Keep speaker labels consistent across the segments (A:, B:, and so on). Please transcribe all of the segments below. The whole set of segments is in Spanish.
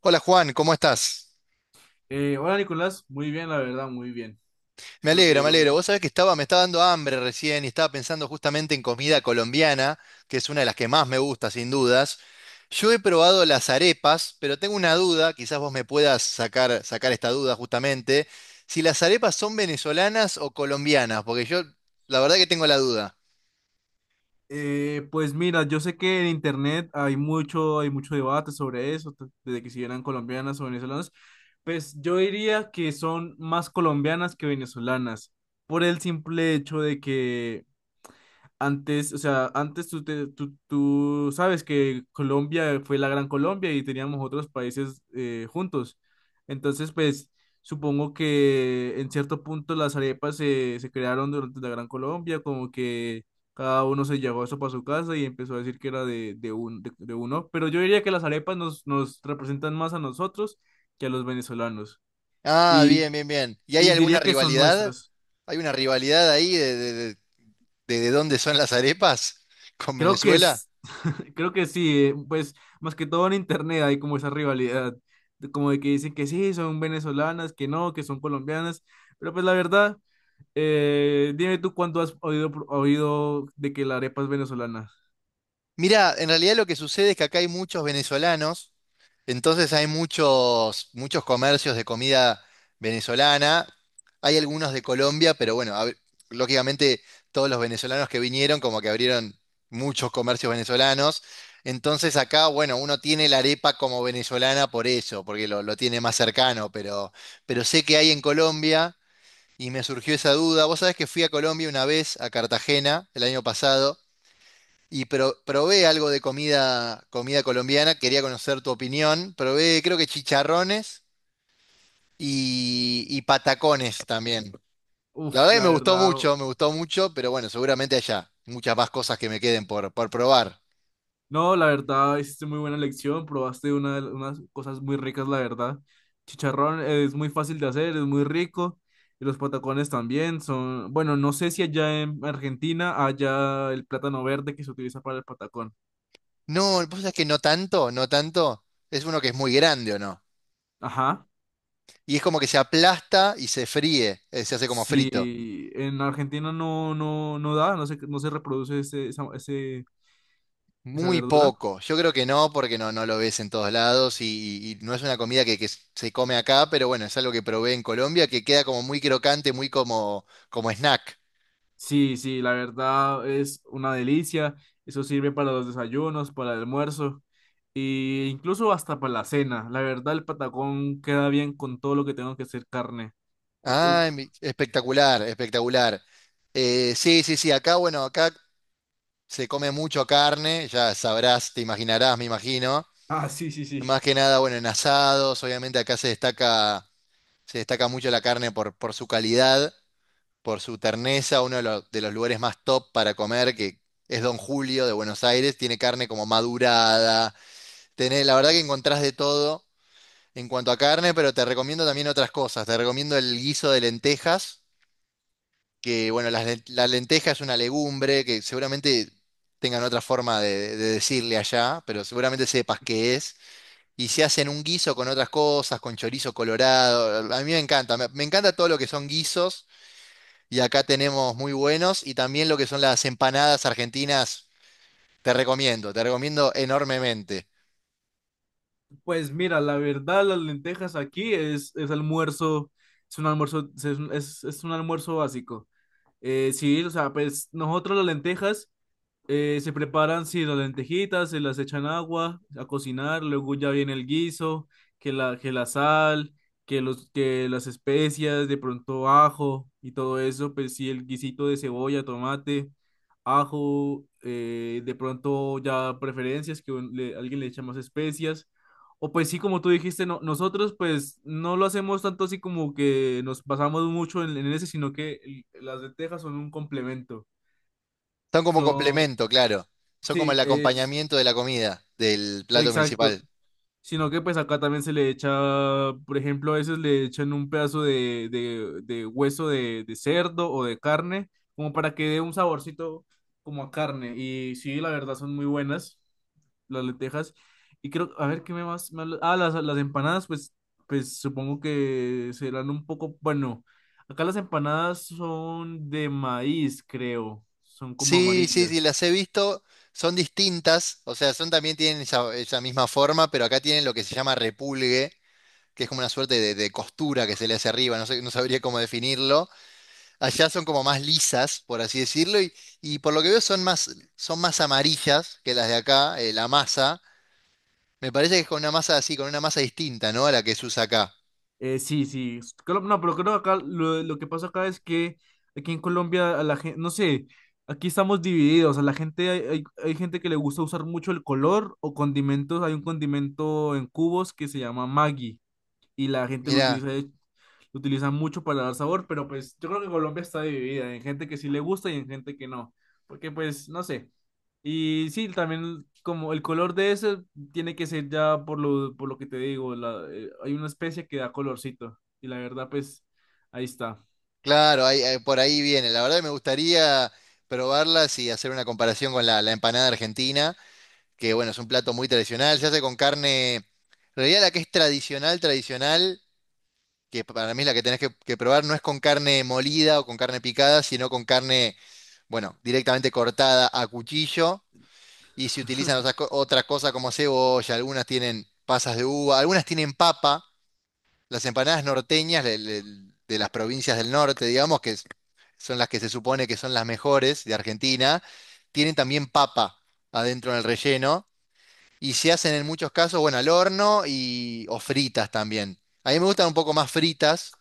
A: Hola Juan, ¿cómo estás?
B: Hola Nicolás, muy bien, la verdad, muy bien.
A: Me
B: Espero
A: alegro,
B: que
A: me
B: lo
A: alegro. Vos
B: mismo.
A: sabés que estaba, me estaba dando hambre recién y estaba pensando justamente en comida colombiana, que es una de las que más me gusta, sin dudas. Yo he probado las arepas, pero tengo una duda, quizás vos me puedas sacar esta duda justamente, si las arepas son venezolanas o colombianas, porque yo la verdad que tengo la duda.
B: Pues mira, yo sé que en internet hay mucho debate sobre eso, desde que si eran colombianas o venezolanas. Pues yo diría que son más colombianas que venezolanas, por el simple hecho de que antes, o sea, antes tú sabes que Colombia fue la Gran Colombia y teníamos otros países juntos. Entonces, pues supongo que en cierto punto las arepas se crearon durante la Gran Colombia, como que cada uno se llevó eso para su casa y empezó a decir que era de uno. Pero yo diría que las arepas nos representan más a nosotros que a los venezolanos.
A: Ah,
B: Y,
A: bien, bien, bien. ¿Y hay
B: y
A: alguna
B: diría que son
A: rivalidad?
B: nuestras.
A: ¿Hay una rivalidad ahí de dónde son las arepas con
B: Creo que
A: Venezuela?
B: Creo que sí, pues más que todo en internet hay como esa rivalidad, como de que dicen que sí, son venezolanas, que no, que son colombianas, pero pues la verdad, dime tú cuándo has oído de que la arepa es venezolana.
A: Mira, en realidad lo que sucede es que acá hay muchos venezolanos, entonces hay muchos, muchos comercios de comida venezolana, hay algunos de Colombia, pero bueno, a ver, lógicamente todos los venezolanos que vinieron como que abrieron muchos comercios venezolanos, entonces acá, bueno, uno tiene la arepa como venezolana por eso, porque lo tiene más cercano, pero sé que hay en Colombia y me surgió esa duda. Vos sabés que fui a Colombia una vez, a Cartagena, el año pasado. Y probé algo de comida, comida colombiana, quería conocer tu opinión. Probé, creo que chicharrones y patacones también. La
B: Uf,
A: verdad que
B: la verdad,
A: me gustó mucho, pero bueno, seguramente allá muchas más cosas que me queden por probar.
B: no, la verdad, hiciste muy buena lección, probaste unas cosas muy ricas, la verdad. Chicharrón es muy fácil de hacer, es muy rico, y los patacones también son, bueno, no sé si allá en Argentina haya el plátano verde que se utiliza para el patacón.
A: No, vos sabés que no tanto, no tanto. Es uno que es muy grande, ¿o no?
B: Ajá.
A: Y es como que se aplasta y se fríe, se hace como frito.
B: Si en Argentina no, no da, no se reproduce esa
A: Muy
B: verdura.
A: poco. Yo creo que no, porque no, no lo ves en todos lados y, y no es una comida que se come acá, pero bueno, es algo que probé en Colombia que queda como muy crocante, muy como, como snack.
B: Sí, sí, la verdad es una delicia. Eso sirve para los desayunos, para el almuerzo e incluso hasta para la cena. La verdad, el patacón queda bien con todo lo que tengo que hacer carne. Que, uf.
A: Ah, espectacular, espectacular. Sí, sí, sí, acá, bueno, acá se come mucho carne, ya sabrás, te imaginarás, me imagino.
B: Ah, sí, sí,
A: Más
B: sí.
A: que nada, bueno, en asados, obviamente acá se destaca mucho la carne por su calidad. Por su terneza, uno de los lugares más top para comer, que es Don Julio de Buenos Aires, tiene carne como madurada, la verdad que encontrás de todo en cuanto a carne, pero te recomiendo también otras cosas, te recomiendo el guiso de lentejas, que bueno, la lenteja es una legumbre que seguramente tengan otra forma de decirle allá, pero seguramente sepas qué es. Y se hacen un guiso con otras cosas, con chorizo colorado. A mí me encanta, me encanta todo lo que son guisos. Y acá tenemos muy buenos y también lo que son las empanadas argentinas, te recomiendo enormemente.
B: Pues mira, la verdad, las lentejas aquí es almuerzo, es un almuerzo, es un almuerzo básico. Sí, o sea, pues nosotros las lentejas. Se preparan, sí, las lentejitas, se las echan agua a cocinar, luego ya viene el guiso, que la sal, que las especias, de pronto ajo y todo eso, pues sí, el guisito de cebolla, tomate, ajo, de pronto ya preferencias, que alguien le echa más especias. O pues sí, como tú dijiste, no, nosotros pues no lo hacemos tanto así como que nos basamos mucho en ese, sino que las lentejas son un complemento.
A: Son como complemento, claro. Son como
B: Sí,
A: el
B: es
A: acompañamiento de la comida, del plato
B: exacto.
A: principal.
B: Sino que pues acá también se le echa, por ejemplo, a veces le echan un pedazo de hueso de cerdo o de carne, como para que dé un saborcito como a carne. Y sí, la verdad son muy buenas las lentejas. Y creo, a ver, ¿qué me más? Ah, las empanadas, pues, pues supongo que serán un poco, bueno, acá las empanadas son de maíz, creo. Son como
A: Sí, sí, sí,
B: amarillas.
A: las he visto. Son distintas, o sea, son también tienen esa, esa misma forma, pero acá tienen lo que se llama repulgue, que es como una suerte de costura que se le hace arriba, no sé, no sabría cómo definirlo. Allá son como más lisas, por así decirlo, y por lo que veo son más amarillas que las de acá, la masa. Me parece que es con una masa así, con una masa distinta, ¿no? A la que se usa acá.
B: Sí, sí. No, pero creo que acá lo que pasa acá es que aquí en Colombia a la gente, no sé, aquí estamos divididos. A la gente hay gente que le gusta usar mucho el color o condimentos. Hay un condimento en cubos que se llama Maggi y la gente
A: Mirá,
B: lo utiliza mucho para dar sabor, pero pues yo creo que Colombia está dividida en gente que sí le gusta y en gente que no, porque pues no sé. Y sí, también como el color de ese tiene que ser ya por lo que te digo, hay una especie que da colorcito y la verdad pues ahí está.
A: claro, por ahí viene. La verdad que me gustaría probarlas y hacer una comparación con la, la empanada argentina, que bueno, es un plato muy tradicional, se hace con carne, en realidad la que es tradicional, tradicional. Que para mí la que tenés que probar no es con carne molida o con carne picada, sino con carne, bueno, directamente cortada a cuchillo. Y si utilizan otras, otras cosas como cebolla, algunas tienen pasas de uva, algunas tienen papa. Las empanadas norteñas de las provincias del norte, digamos, son las que se supone que son las mejores de Argentina, tienen también papa adentro en el relleno. Y se hacen en muchos casos, bueno, al horno y, o fritas también. A mí me gustan un poco más fritas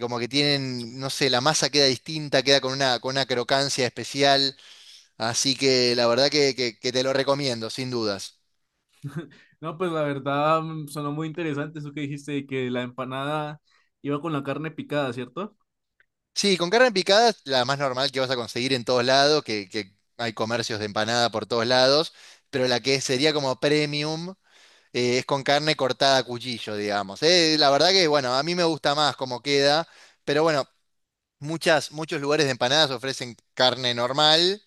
A: como que tienen, no sé, la masa queda distinta, queda con una crocancia especial, así que la verdad que, que te lo recomiendo, sin dudas.
B: No, pues la verdad sonó muy interesante eso que dijiste de que la empanada iba con la carne picada, ¿cierto?
A: Sí, con carne picada, la más normal que vas a conseguir en todos lados, que hay comercios de empanada por todos lados, pero la que sería como premium es con carne cortada a cuchillo, digamos. La verdad que, bueno, a mí me gusta más cómo queda, pero bueno, muchas, muchos lugares de empanadas ofrecen carne normal.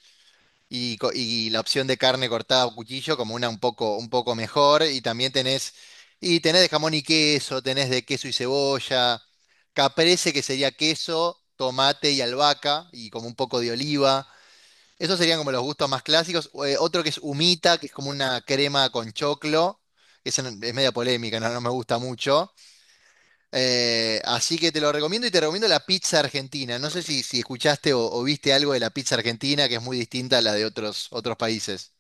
A: Y, y la opción de carne cortada a cuchillo como una un poco mejor. Y también tenés, y tenés de jamón y queso, tenés de queso y cebolla, caprese que sería queso, tomate y albahaca y como un poco de oliva. Esos serían como los gustos más clásicos. O, otro que es humita, que es como una crema con choclo. Esa es media polémica, no, no me gusta mucho. Así que te lo recomiendo y te recomiendo la pizza argentina. No sé si, si escuchaste o viste algo de la pizza argentina, que es muy distinta a la de otros, otros países.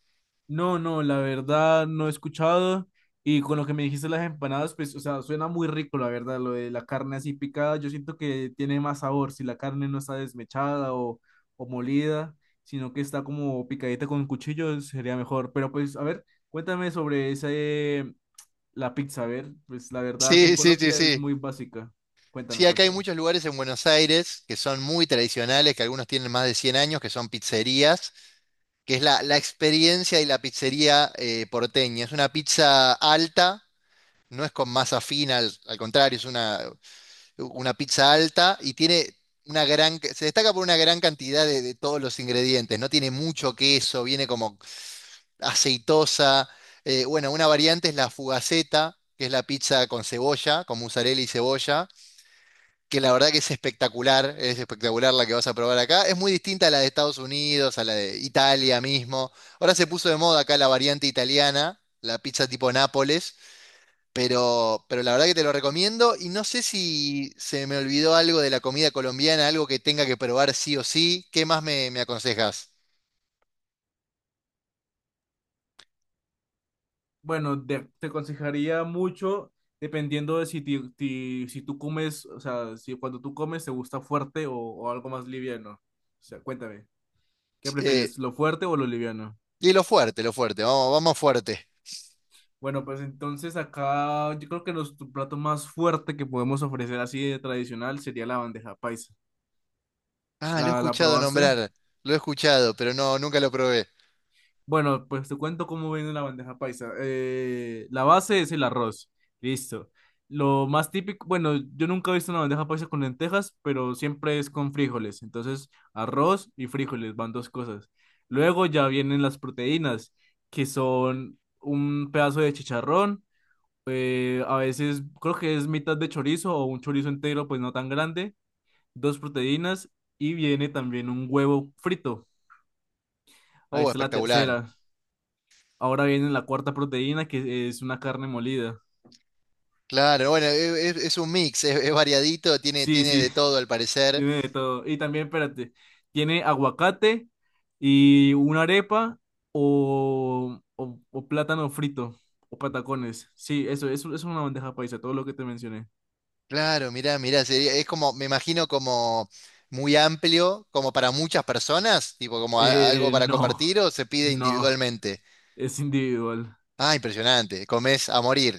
B: No, no, la verdad no he escuchado. Y con lo que me dijiste las empanadas, pues, o sea, suena muy rico, la verdad, lo de la carne así picada. Yo siento que tiene más sabor si la carne no está desmechada o molida, sino que está como picadita con cuchillo, sería mejor. Pero pues, a ver, cuéntame sobre ese, la pizza, a ver, pues la verdad aquí en
A: Sí, sí, sí,
B: Colombia es
A: sí.
B: muy básica. Cuéntame,
A: Sí, acá hay
B: cuéntame.
A: muchos lugares en Buenos Aires que son muy tradicionales, que algunos tienen más de 100 años, que son pizzerías, que es la, la experiencia y la pizzería porteña. Es una pizza alta, no es con masa fina, al, al contrario, es una pizza alta y tiene una gran, se destaca por una gran cantidad de todos los ingredientes, no tiene mucho queso, viene como aceitosa. Bueno, una variante es la fugaceta, que es la pizza con cebolla, con mozzarella y cebolla, que la verdad que es espectacular la que vas a probar acá. Es muy distinta a la de Estados Unidos, a la de Italia mismo. Ahora se puso de moda acá la variante italiana, la pizza tipo Nápoles, pero la verdad que te lo recomiendo y no sé si se me olvidó algo de la comida colombiana, algo que tenga que probar sí o sí. ¿Qué más me, me aconsejas?
B: Bueno, te aconsejaría mucho dependiendo de si tú comes, o sea, si cuando tú comes te gusta fuerte o algo más liviano. O sea, cuéntame, ¿qué
A: Eh,
B: prefieres, lo fuerte o lo liviano?
A: y lo fuerte, vamos, vamos fuerte.
B: Bueno, pues entonces acá yo creo que nuestro plato más fuerte que podemos ofrecer así de tradicional sería la bandeja paisa.
A: Ah, lo he
B: ¿La, la
A: escuchado
B: probaste?
A: nombrar, lo he escuchado, pero no, nunca lo probé.
B: Bueno, pues te cuento cómo viene una bandeja paisa. La base es el arroz. Listo. Lo más típico, bueno, yo nunca he visto una bandeja paisa con lentejas, pero siempre es con frijoles. Entonces, arroz y frijoles van dos cosas. Luego ya vienen las proteínas, que son un pedazo de chicharrón. Eh, a veces creo que es mitad de chorizo o un chorizo entero, pues no tan grande. Dos proteínas y viene también un huevo frito. Ahí
A: Oh,
B: está la
A: espectacular.
B: tercera. Ahora viene la cuarta proteína, que es una carne molida.
A: Claro, bueno, es un mix, es variadito, tiene,
B: Sí,
A: tiene
B: sí,
A: de todo al parecer.
B: tiene de todo. Y también, espérate, tiene aguacate y una arepa o o plátano frito o patacones. Sí, eso es una bandeja paisa, todo lo que te mencioné.
A: Claro, mirá, mirá, sería, es como, me imagino como muy amplio, como para muchas personas, tipo como algo para
B: No,
A: compartir o se pide
B: no,
A: individualmente.
B: es individual.
A: Ah, impresionante. Comés a morir.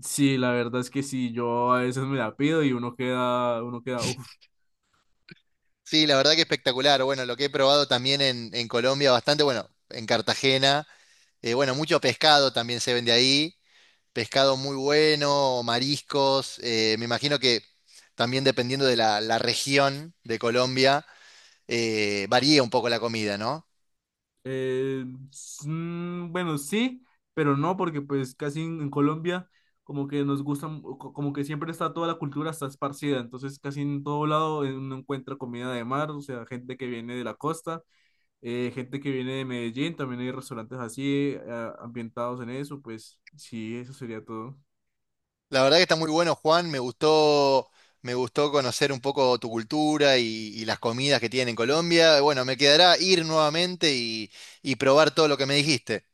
B: Sí, la verdad es que sí, yo a veces me la pido y uno queda, uff.
A: Sí, la verdad que espectacular. Bueno, lo que he probado también en Colombia bastante, bueno, en Cartagena. Bueno, mucho pescado también se vende ahí. Pescado muy bueno, mariscos. Me imagino que también dependiendo de la, la región de Colombia, varía un poco la comida, ¿no?
B: Eh, bueno, sí, pero no, porque pues en Colombia como que nos gusta, como que siempre está toda la cultura está esparcida, entonces casi en todo lado uno encuentra comida de mar, o sea, gente que viene de la costa, gente que viene de Medellín, también hay restaurantes así ambientados en eso, pues sí, eso sería todo.
A: La verdad que está muy bueno, Juan. Me gustó conocer un poco tu cultura y las comidas que tienen en Colombia. Bueno, me quedará ir nuevamente y probar todo lo que me dijiste.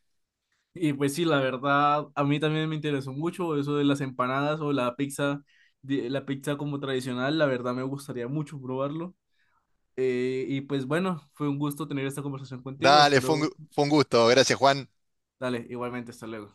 B: Y pues sí, la verdad, a mí también me interesó mucho eso de las empanadas o la pizza, la pizza como tradicional, la verdad me gustaría mucho probarlo. Y pues bueno, fue un gusto tener esta conversación contigo.
A: Dale, fue un,
B: Espero,
A: fue un gusto. Gracias, Juan.
B: dale, igualmente, hasta luego.